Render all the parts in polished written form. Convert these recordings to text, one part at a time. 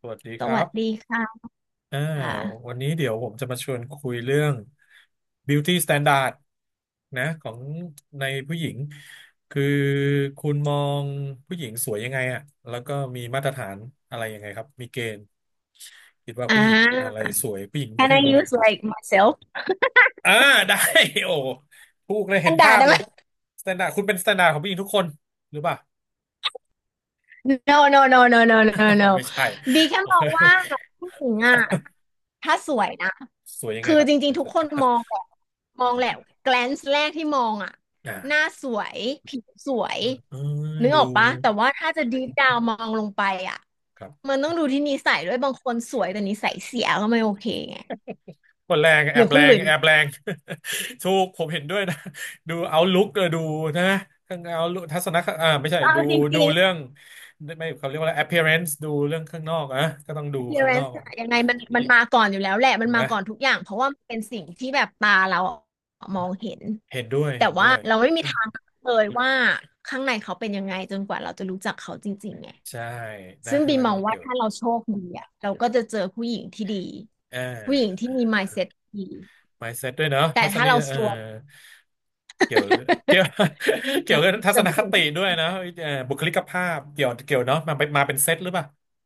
สวัสดีสครัวับสดีค่ะอ่าอ่า วันนี้เดี๋ยวผมจะมาชวนคุยเรื่อง beauty standard นะของในผู้หญิง คือคุณมองผู้หญิงสวยยังไงอะแล้วก็มีมาตรฐานอะไรยังไงครับ มีเกณฑ์คิดว่าผู้หญิงอะไรสวยผู้หญิง can ผู้ห I ญิงแบบ use ไหน like myself อ่า ได้ โอ้พูดเลยแอเห็นนด่าภาพได้เลไหม ยสแตนดาร์ดคุณเป็นสแตนดาร์ดของผู้หญิงทุกคนหรือเปล่า no no no no no no อ๋อ no ไม่ใช่ บีแค่ โอมเคองว่าผู้หญิงอ่ะถ้าสวยนะ สวยยังไงคือครับจริในงๆ ทุกสายตคนนดามร์ดองแหละมองแหละ glance แรกที่มองอ่ะหน้าอ่าสวยผิวสวยเออนึกดู ออกปะ แต่ว่าถ้าจะ deep down มองลงไปอ่ะครับมันต้องดูที่นิสัยด้วย บางคนสวยแต่นิสัยเสียก็ไม่โอเคไง คนแรง หแอรือบแรคุณหลุง ยส์แอบแรง ถูกผมเห็นด้วยนะ ดูเอาลุกดูนะข้างเอาทัศนคไม่ใช่เอาดูจริดูง เรื่องไม่เขาเรียกว่าอะไร appearance ดูเรื่องข้างนอกอะก็ต้องดูข้างนอ appearance กอะยังไงมันมาก่อนอยู่แล้วแหละ มัถูนกไหมมาก่อนทุกอย่าง เพราะว่ามันเป็นสิ่งที่แบบตาเรามองเห็น เห็นด้วยแต่เห็นว่าด้วย เราไม่มีทางเลยว่าข้างในเขาเป็นยังไงจนกว่าเราจะรู้จักเขาจริงๆไงใช่นะซึ่งบีแล้วมก็องต้องว่าเกี่ยวถ้าเราโชคดีอะเราก็จะเจอผู้หญิงที่ดี เออ ผู้หญิงที่มี mindset ดี mindset ด้วยเนาะแต่ทัศถ้านีเราเออซวย เกี่ยวเกี่ยว เกี่ยเราวกับทัศจะนผู้คหญิงติด้วยนะเออบุคลิกภาพ เกี่ยวเกี่ยวเนาะมาเป็นเซตหรือเปล่า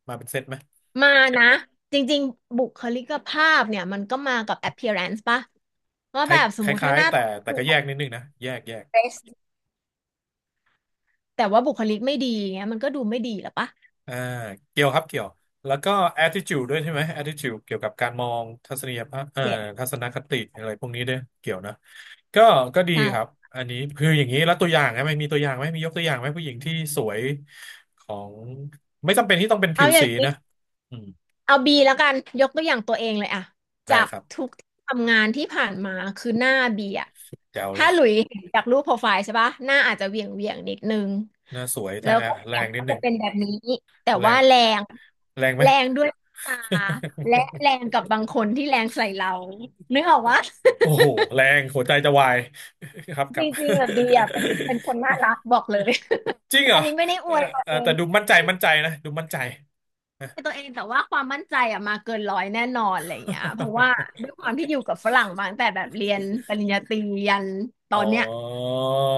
มาเป็นเซตไหม มานะ จริงๆบุคลิกภาพเนี่ยมันก็มากับ appearance ปะว่าคลแบบสม้ามุยติคถ้าล้ายหน้าๆแต่ตาแต่คือ ก็แยกนิดนึงนะแยกแยก dress แต่ว่าบุคลิกไม่ดีเงี้ยมันก็ดูไม่ดีหรอปะอ่าเกี่ยวครับเกี่ยวแล้วก็ attitude ด้วยใช่ไหม attitude เกี่ยวกับการมองทัศนียภาพเนี่ยทัศนคติอะไรพวกนี้ด้วยเกี่ยวนะก็ก็ดีใช่ครับอันนี้คืออย่างนี้แล้วตัวอย่างนะมันมีตัวอย่างไหมมียกตัวอย่างไหมผู้หญิงที่สวยของไม่จำเป็นที่ต้องเป็นผิเอาวอย่างสีนี้นะอืมเอาบีแล้วกันยกตัวอย่างตัวเองเลยอะได้จากครัทุบกที่ทำงานที่ผ่านมาคือหน้าบีอะแจ๋วเลถ้ายหลุยเห็นจากรูปโปรไฟล์ใช่ปะหน้าอาจจะเหวี่ยงเหวียงนิดนึงหน้าสวยแต่แล้วก็แรเสียงงนิก็ดหจะนึ่งเป็นแบบนี้แต่แรว่างแรงแรงไหม แรงด้วยตาและแรง กับบางคนที่แรงใส่เรานึกออกว่าโอ้โหแรงหัวใจจะวาย ครับคจรับ ริงๆอะบีอะเป็นค นน่ารักบอกเลย จริง เหรอัอนนี้ไม่ได้อเออวยตัวเออเอง แต่ดูมั่นใจมั่นใจนะดูมั่นใจ น ตัวเองแต่ว่าความมั่นใจอะมาเกินร้อยแน่นอนอะไรอย่างเงี้ยเพราะว่าด้วยความที่อยู่กับฝรั่งมาตั้งแต่แบบเรียนปริญญาตรียันตออ๋อนเนี้ย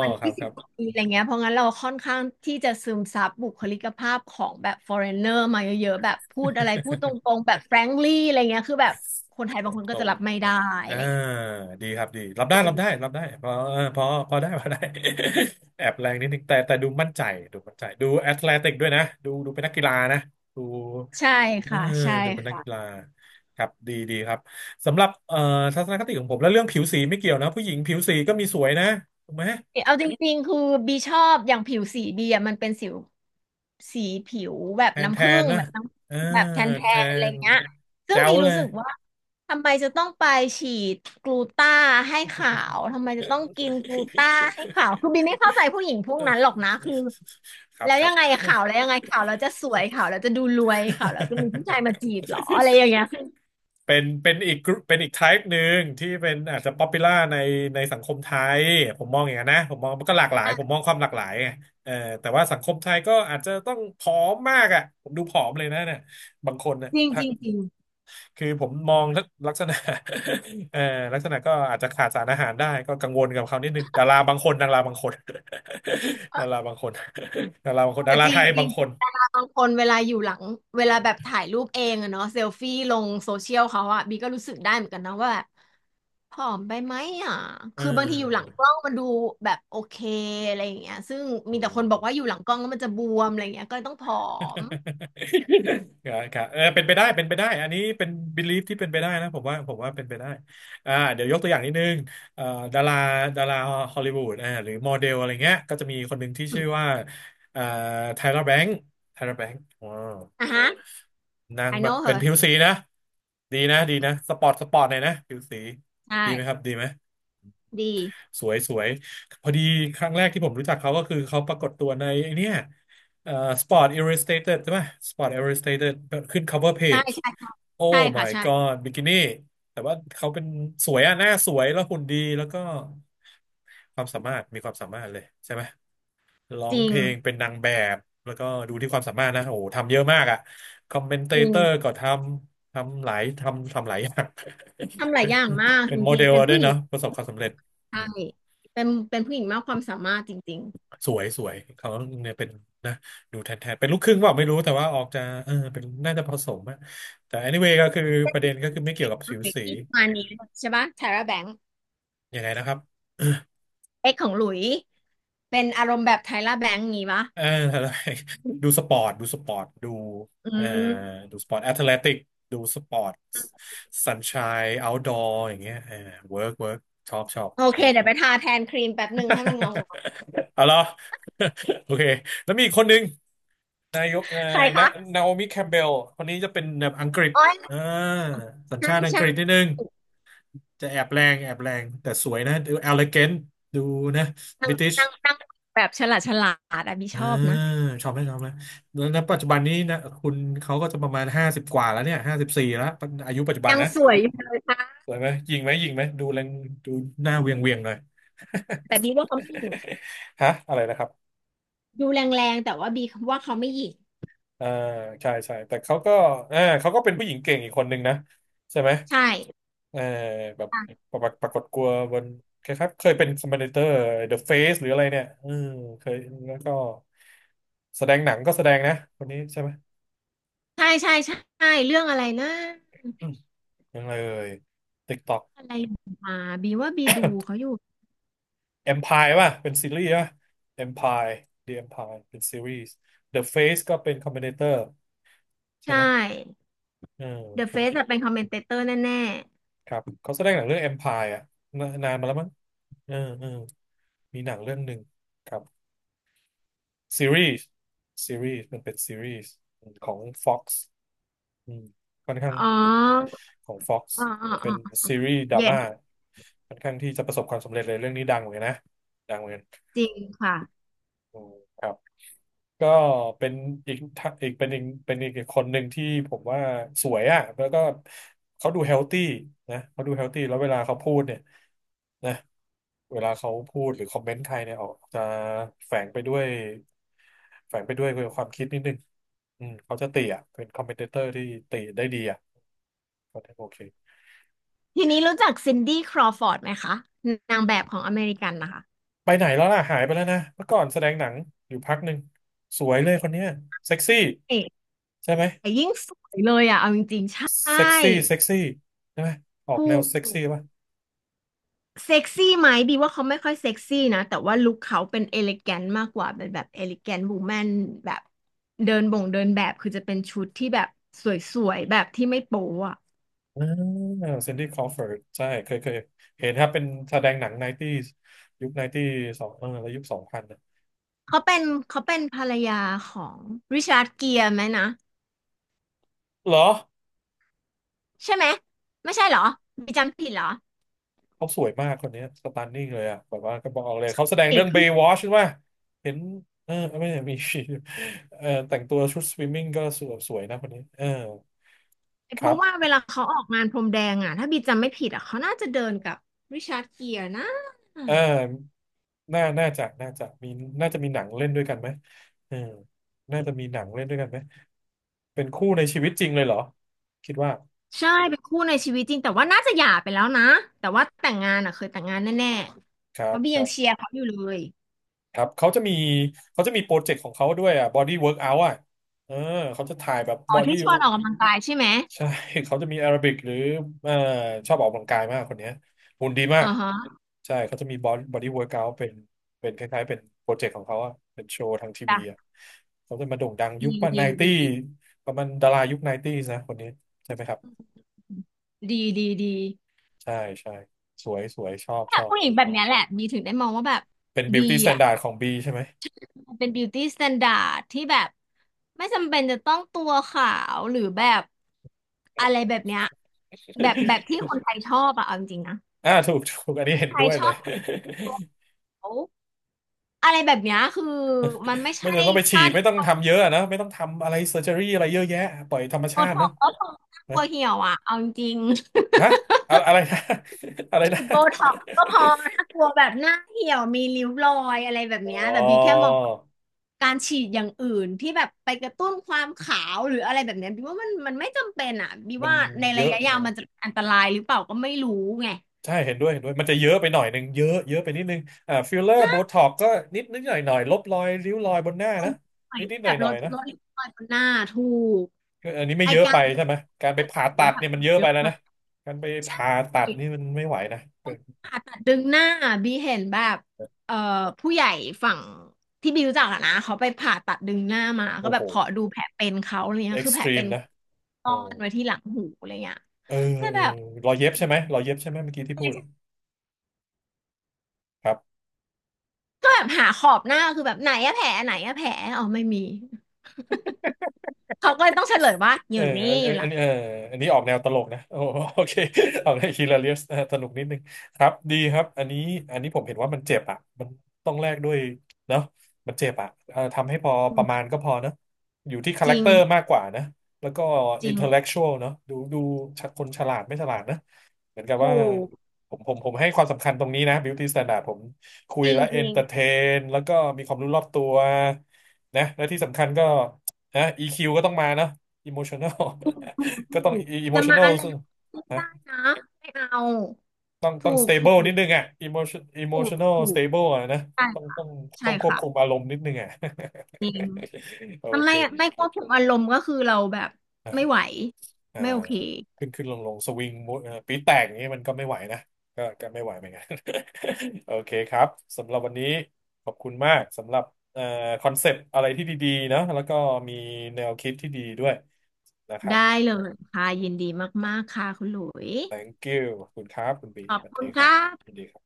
มันครับยี่คสิบรับ กว่าปีอะไรเงี้ยเพราะงั้นเราค่อนข้างที่จะซึมซับบุคลิกภาพของแบบ foreigner มาเยอะๆแบบพูดอะไรพูดตรงๆแบบ frankly อะไรเงี้ยคือแบบคนไทยบางคน ตก็รจะงรับไม่ๆได้นะอะอ่าไรเงี้ยดีครับดีรับได้รับได้รับได้พอเออพอพอได้ พอได้ แอบแรงนิดนึงแต่แต่ดูมั่นใจดูมั่นใจดูแอตเลติกด้วยนะดูเป็นนักกีฬานะดูใช่เออค่ะใช่ดูเป็นนักกีค่ะ ฬาครับดีดีครับสำหรับทัศนคติของผมแล้วเรื่องผิวสีไม่เกี่ยวนะผู้หญิงผิวสีก็มีสวยนะถูกไหม เอาจริงๆคือบีชอบอย่างผิวสีบีอะมันเป็นสิวสีผิวแบบแทนแทน้ำผึ้นงนะแบบน้เออำแบบแทนแทแทนอะไรนเงี้ยซึ่แจ๋งบีวเลรู้ย สึกว่าทำไมจะต้องไปฉีดกลูต้าให้ขาวทำไมจะต้องกินกลูต้าให้ขาวคือบีไม่เข้าใจผู้หญิงพวกนั้นหรอกนะคือ ครับแล้วครัยับงไงขาวแล้วยังไงขาวแล้วจะสวยขาวแล้วจะดูรวยขาวแล้วจะมีผู้ชายมาจีบเหรออะไรอย่างเงี้ยเป็นเป็นอีกกรุ๊ปเป็นอีก type หนึ่งที่เป็นอาจจะ popular ในในสังคมไทยผมมองอย่างนั้นนะผมมองมันก็หลากหลายผมมองความหลากหลายไงเออแต่ว่าสังคมไทยก็อาจจะต้องผอมมากอ่ะผมดูผอมเลยนะเนี่ยบางคนเนี่ย จริงจริงจริงคือผมมองลักษณะ เอ่อลักษณะก็อาจจะขาดสารอาหารได้ก็กังวลกับเขานิดนึงดาราบางคนดาราบางคน ดาราบางคนดาราบางคเอนอดาราจริไทงยจบาริงง คนบางคนเวลาอยู่หลังเวลาแบบถ่ายรูปเองอะเนาะเซลฟี่ลงโซเชียลเขาอะบีก็รู้สึกได้เหมือนกันนะว่าแบบผอมไปไหมอะเคือบางทีอยู่หลังออกล้องมันดูแบบโอเคอะไรอย่างเงี้ยซึ่งอืมีแต่คนม บอกว่าอยู่หลังกล้องแล้วมันจะบวมอะไรอย่างเงี้ยก็เลยต้องผอม ครับครับเออเป็นไปได้เป็นไปได้อันนี้เป็น belief ที่เป็นไปได้นะผมว่าเป็นไปได้อ่าเดี๋ยวยกตัวอย่างนิดนึงเอ่อดาราดาราฮอลลีวูดอ่าหรือโมเดลอะไรเงี้ยก็จะมีคนหนึ่งที่อชื่มอว่าเอ่อไทเลอร์แบงค์ไทเลอร์แบงค์ว้าว อ่ะฮะ นาง I แบบ know เป็น her ผิวสีนะดีนะดีนะสปอร์ตสปอร์ตหน่อยนะผิวสีใช่ดีไหมครับดีไหมดีสวยสวยพอดีครั้งแรกที่ผมรู้จักเขาก็คือเขาปรากฏตัวในไอ้เนี่ยเอ่อ Sport Illustrated ใช่ไหม Sport Illustrated ขึ้น cover ใช่ page ใช่โอ้ ใช่ my ค่ะใช่ god บิกินี่แต่ว่าเขาเป็นสวยอะหน้าสวยแล้วหุ่นดีแล้วก็ความสามารถมีความสามารถเลยใช่ไหม ร้อจงริเพงลงเป็นนางแบบแล้วก็ดูที่ความสามารถนะโอ้โหทำเยอะมากอ่ะคอมเมนเตจริงเตอร์ก็ทำหลายทำหลายอย่าง ทำห ลายเป็นอย่างมากเป็จนโมริเดงๆลเป็นด้วผู้ยหญิเนาะงประสบความสำเร็จใช่อืมเป็นผู้หญิงมากความสามารถจริงสวยสวยเขาเนี่ยเป็นนะดูแทนแทนเป็นลูกครึ่งเปล่าไม่รู้แต่ว่าออกจะเออเป็นน่าจะผสมอะแต่ anyway ก็คือประเด็นก็คือไม่เกี่ยวกับๆโอผิวเป็สีที่ประมาณนี้ใช่ปะ Tara Banks ยังไงนะครับ เอ็กของหลุยเป็นอารมณ์แบบไทล่าแบงค์งี้ปะเออ อะไร ดูสปอร์ตดูสปอร์ตดูอืเอ่อมดูสปอร์ตแอตเลติกดูสปอร์ตสันชายเอาท์ดอร์อย่างเงี้ยเออเวิร์กเวิร์กชอบชอบ โอเคเดี๋ยวไปทาแทนครีมแป๊บหนึ่งให้มันเงา เอาล่ะ โอเคแล้วมีอีกคนหนึ่งนายกๆใครนาคะนาโอมิแคมเบลคนนี้จะเป็นแบบอังกฤษอ๋อยอ่าสัญใช่ชาติอังกใช่ฤษนิดนึงจะแอบแรงแอบแรงแต่สวยนะดู elegantดูนะนาบิงติช นางแบบฉลาดฉลาดอะบีอ่าชอบนะชอบไหมชอบไหมแล้วณปัจจุบันนี้นะคุณเขาก็จะประมาณ50 กว่าแล้วเนี่ย54แล้วอายุปัจจุบันยังนะสวยอยู่เลยค่ะสวยไหมยิงไหมยิงไหมดูแรงดูหน้าเวียงเวียงหน่อย แต่บีว่าเขาไม่หยิ่ง ฮะอะไรนะครับดูแรงๆแต่ว่าบีว่าเขาไม่หยิ่งอ่าใช่ใช่แต่เขาก็เขาก็เป็นผู้หญิงเก่งอีกคนหนึ่งนะใช่ไหมใช่เออแบบใช่ปรากฏกลัวบนคล้ายๆเคยเป็นคอมเมนเตอร์ The Face หรืออะไรเนี่ยอืมเคยแล้วก็แสดงหนังก็แสดงนะคนนี้ใช่ไหมใช่ใช่ใช่เรื่องอะไรนะอืมยังไงเอ่ย TikTok อะไรมาบีว่าบีดูเขาอยู่ Empire ป่ะเป็นซีรีส์ป่ะ Empire The Empire เป็นซีรีส์ The Face ก็เป็นคอมบิเนเตอร์ใช่ใช่ ไหมเออ The ผม Face อะเป็นคอมเมนเตเตอร์แน่ครับเขาแสดงหนังเรื่อง Empire อ่ะนานานมาแล้วมั้งเออเออมีหนังเรื่องหนึ่งครับซีรีส์มันเป็นซีรีส์ของ Fox อืมค่อนข้างๆอ๋อของ Fox อ๋ออ๋อเป็อ นซีรีส์ดราม่า yes ค่อนข้างที่จะประสบความสำเร็จเลยเรื่องนี้ดังเหมือนกันนะดังเหมือนกันจริงค่ะ อืมครับ ก็เป็นอีกท่าอีกเป็นอีกคนหนึ่งที่ผมว่าสวยอ่ะแล้วก็เขาดูเฮลตี้นะเขาดูเฮลตี้แล้วเวลาเขาพูดเนี่ยนะเวลาเขาพูดหรือคอมเมนต์ใครเนี่ยออกจะแฝงไปด้วยแฝงไปด้วยความคิดนิดนึงอืมเขาจะตีอ่ะเป็นคอมเมนเตอร์ที่ตีได้ดีอ่ะก็ได้โอเคทีนี้รู้จักซินดี้ครอฟอร์ดไหมคะนางแบบของอเมริกันนะคะไปไหนแล้วล่ะหายไปแล้วนะเมื่อก่อนแสดงหนังอยู่พักหนึ่งสวยเลยคนเนี้ยเซ็กซี่เอ๊ะใช่ไหม แต่ยิ่งสวยเลยอ่ะเอาจริงๆใช่เซ็กซี่เซ็กซี่ใช่ไหมออกถูแนวกเซ็กซี่ป่ะเซ็กซี่ไหมบีว่าเขาไม่ค่อยเซ็กซี่นะแต่ว่าลุคเขาเป็นเอลิแกนมากกว่าเป็นแบบเอลิแกนบูแมนแบบเดินบ่งเดินแบบคือจะเป็นชุดที่แบบสวยๆแบบที่ไม่โป๊อ่ะอ่าซินดี้คลอเฟิร์ดใช่เคยเห็นครับเป็นแสดงหนังไนตี้ยุคไนตี้สองเออแล้วยุคสองพันนะเขาเป็นเขาเป็นภรรยาของริชาร์ดเกียร์ไหมนะเหรอใช่ไหมไม่ใช่เหรอบีจำผิดเหรอเขาสวยมากคนนี้สตันนิ่งเลยอ่ะแบบว่าก็บอกเลยเขาแสดงเอเรื่องก เบย์วอชใช่ไหมเห็นเออไม่ใช่มี เออแต่งตัวชุดสวิมมิ่งก็สวยสวยนะคนนี้เออคเพรัราะว่าเวบลาเขาออกงานพรมแดงอ่ะถ้าบีจำไม่ผิดอ่ะเขาน่าจะเดินกับริชาร์ดเกียร์นะเออน่าน่าจะมีน่าจะมีหนังเล่นด้วยกันไหมเออน่าจะมีหนังเล่นด้วยกันไหม เป็นคู่ในชีวิตจริงเลยเหรอคิดว่าใช่เป็นคู่ในชีวิตจริงแต่ว่าน่าจะหย่าไปแล้วนะแต่ว่าแต่งงานอ่ะเคยแต่งงานแน่คๆเพรับราะบีคยัรังเชียบร์เขาอยู่เลยครับเขาจะมีเขาจะมีโปรเจกต์ของเขาด้วยอ่ะ body workout อ่ะเออเขาจะถ่ายแบบ อ๋อ body ที่ชวนออกกำลังกายใช่ไหมใช่ เขาจะมีแอโรบิกหรือเอ่อชอบออกกำลังกายมากคนเนี้ยหุ่นดีมาอ่ากฮะใช่เขาจะมี body workout เป็นเป็นคล้ายๆเป็นโปรเจกต์ของเขาอ่ะเป็นโชว์ทางทีวีอ่ะจ้ะเขาจะมาโด่งดังดียุคป่ะไนดีดตี้ีประมาณดารายุคไนตี้นะคนนี้ใช่ไหมครับดีดีดีใช่ใช่สวยสวยชอบแต่ชอบผู้หญิงแบบเนี้ยแหละบีถึงได้มองว่าแบบเป็น ดี beauty อ่ะ standard ของบีใช่ไหม มันเป็นบิวตี้สแตนดาร์ดที่แบบไม่จำเป็นจะต้องตัวขาวหรือแบบอะไรแบบเนี้ยแบบแบบที่คนไทยชอบอะเอาจริงๆนะอ่าถูกถูกอันนี้เห็นไทด้ยวยชเลอย บตัวขาวอะไรแบบเนี้ยคือมันไม่ ไม่ใช่จำเป็นต้องไปฉีพ่าดไม่ที่ต้องทำเยอะอะนะไม่ต้องทำอะไรเซอร์เจอรี่อะไรเยอะแยะปล่อยธรรมโบชาติท็เนออะกซ์ก็คนะน่ัวเหี่ยวอะเอาจริง ฮะอะอะไรนะ อะไรฉีนะ ดโบท็อกซ์ก็พอถ้ากลัวแบบหน้าเหี่ยวมีริ้วรอยอะไรแบบ อ๋เนี้ยแต่บีแค่อมองการฉีดอย่างอื่นที่แบบไปกระตุ้นความขาวหรืออะไรแบบเนี้ยบีว่ามันมันไม่จำเป็นอ่ะบีมันว่าในเยระอะยะอ๋อยาวมันจะเป็นอันตรายหรือเปล่าก็ไม่รู้ไงใช่เห็นด้วยเห็นด้วยมันจะเยอะไปหน่อยนึงเยอะเยอะไปนิดนึงอ่าฟิลเลอร์โบท็อกก็นิดนิดหน่อยหน่อยลบรอยริ้วรอยบนหน้าหนนะใหม่อนิยดนิดหแบน่อยบหลน่อยดนะลดริ้วรอยบนหน้าถูกก็อันนี้ไม่ไอเยอะกาไปรแบใช่บไหมการไปผ่าตัดเนี่ยมันเยอะเยไปอะแล้วมานะก การไปผ่าตัดนี่มันไม่ไหวนะเป็นผ่าตัดดึงหน้าบีเห็นแบบเอ่อผู้ใหญ่ฝั่งที่บีรู้จักอะนะเขาไปผ่าตัดดึงหน้ามาก็โอ้แบโหบขอดูแผลเป็นเขาอะไรเงี้ยเอ็กคือซ์แผตลรีเป็มนนะ ซ่อโอ้นไว้ที่หลังหูอะไรเงี้ยเออแล้วเออแบบรอยเย็บใช่ไหมรอยเย็บใช่ไหมเมื่อกี้ที่พูดอะครับก็แบบหาขอบหน้าคือแบบไหนอะแผลไหนอะแผลอ๋อไม่มี เขาก็เลยต้องเฉลยว่าอเอยู่อนี่อันอยู่หลัอันงเอออันนี้ออกแนวตลกนะโอ้ โอเคออกแนวฮิลาเลียสสนุกนิดนึงครับดีครับอันนี้อันนี้ผมเห็นว่ามันเจ็บอ่ะมันต้องแลกด้วยเนาะมันเจ็บอ่ะเออทำให้พออืประมาณมก็พอเนาะอยู่ที่คาจแรคริงเตอร์มากกว่านะ แล้วก็จอิรินงเทลเล็กชวลเนาะดูดูคนฉลาดไม่ฉลาดนะ เหมือนกับว่าถูกผมให้ความสำคัญตรงนี้นะ beauty standard ผมคุจยริงและจเอนริงเตอร์เทนแล้วก็มีความรู้รอบตัวนะและที่สำคัญก็นะ EQ ก็ต้องมาเนาะ emotional ถูก ถูก็ต้อง กจะมา emotional อะไรซึ่งไม่นะได้นะไม่เอาต้องต้ถูอง กถูก stable ถนิดนึงอ่ะ ูก emotional ถูก stable อะนะต้องต้องใช่ต้องควบค่ะคุมอารมณ์นิดนึงอ่ะ จริง โอมันเค ไม่ไม่ควบคุมอารมณ์ก็คือเราแบบไม่ไหวเอ่อไม่โอเคขึ้นลงสวิงมุดปีดแตกอย่างนี้มันก็ไม่ไหวนะก็ไม่ไหวเหมือนกัน โอเคครับสำหรับวันนี้ขอบคุณมากสำหรับเอ่อคอนเซปต์อะไรที่ดีๆนะแล้วก็มีแนวคิดที่ดีด้วยนะครับ ได้เลยค่ะยินดีมากๆค่ะคุณหลุย thank you ขอบคุณครับคุณบีขอสบวัสคุดีณคครัรับบยินดีครับ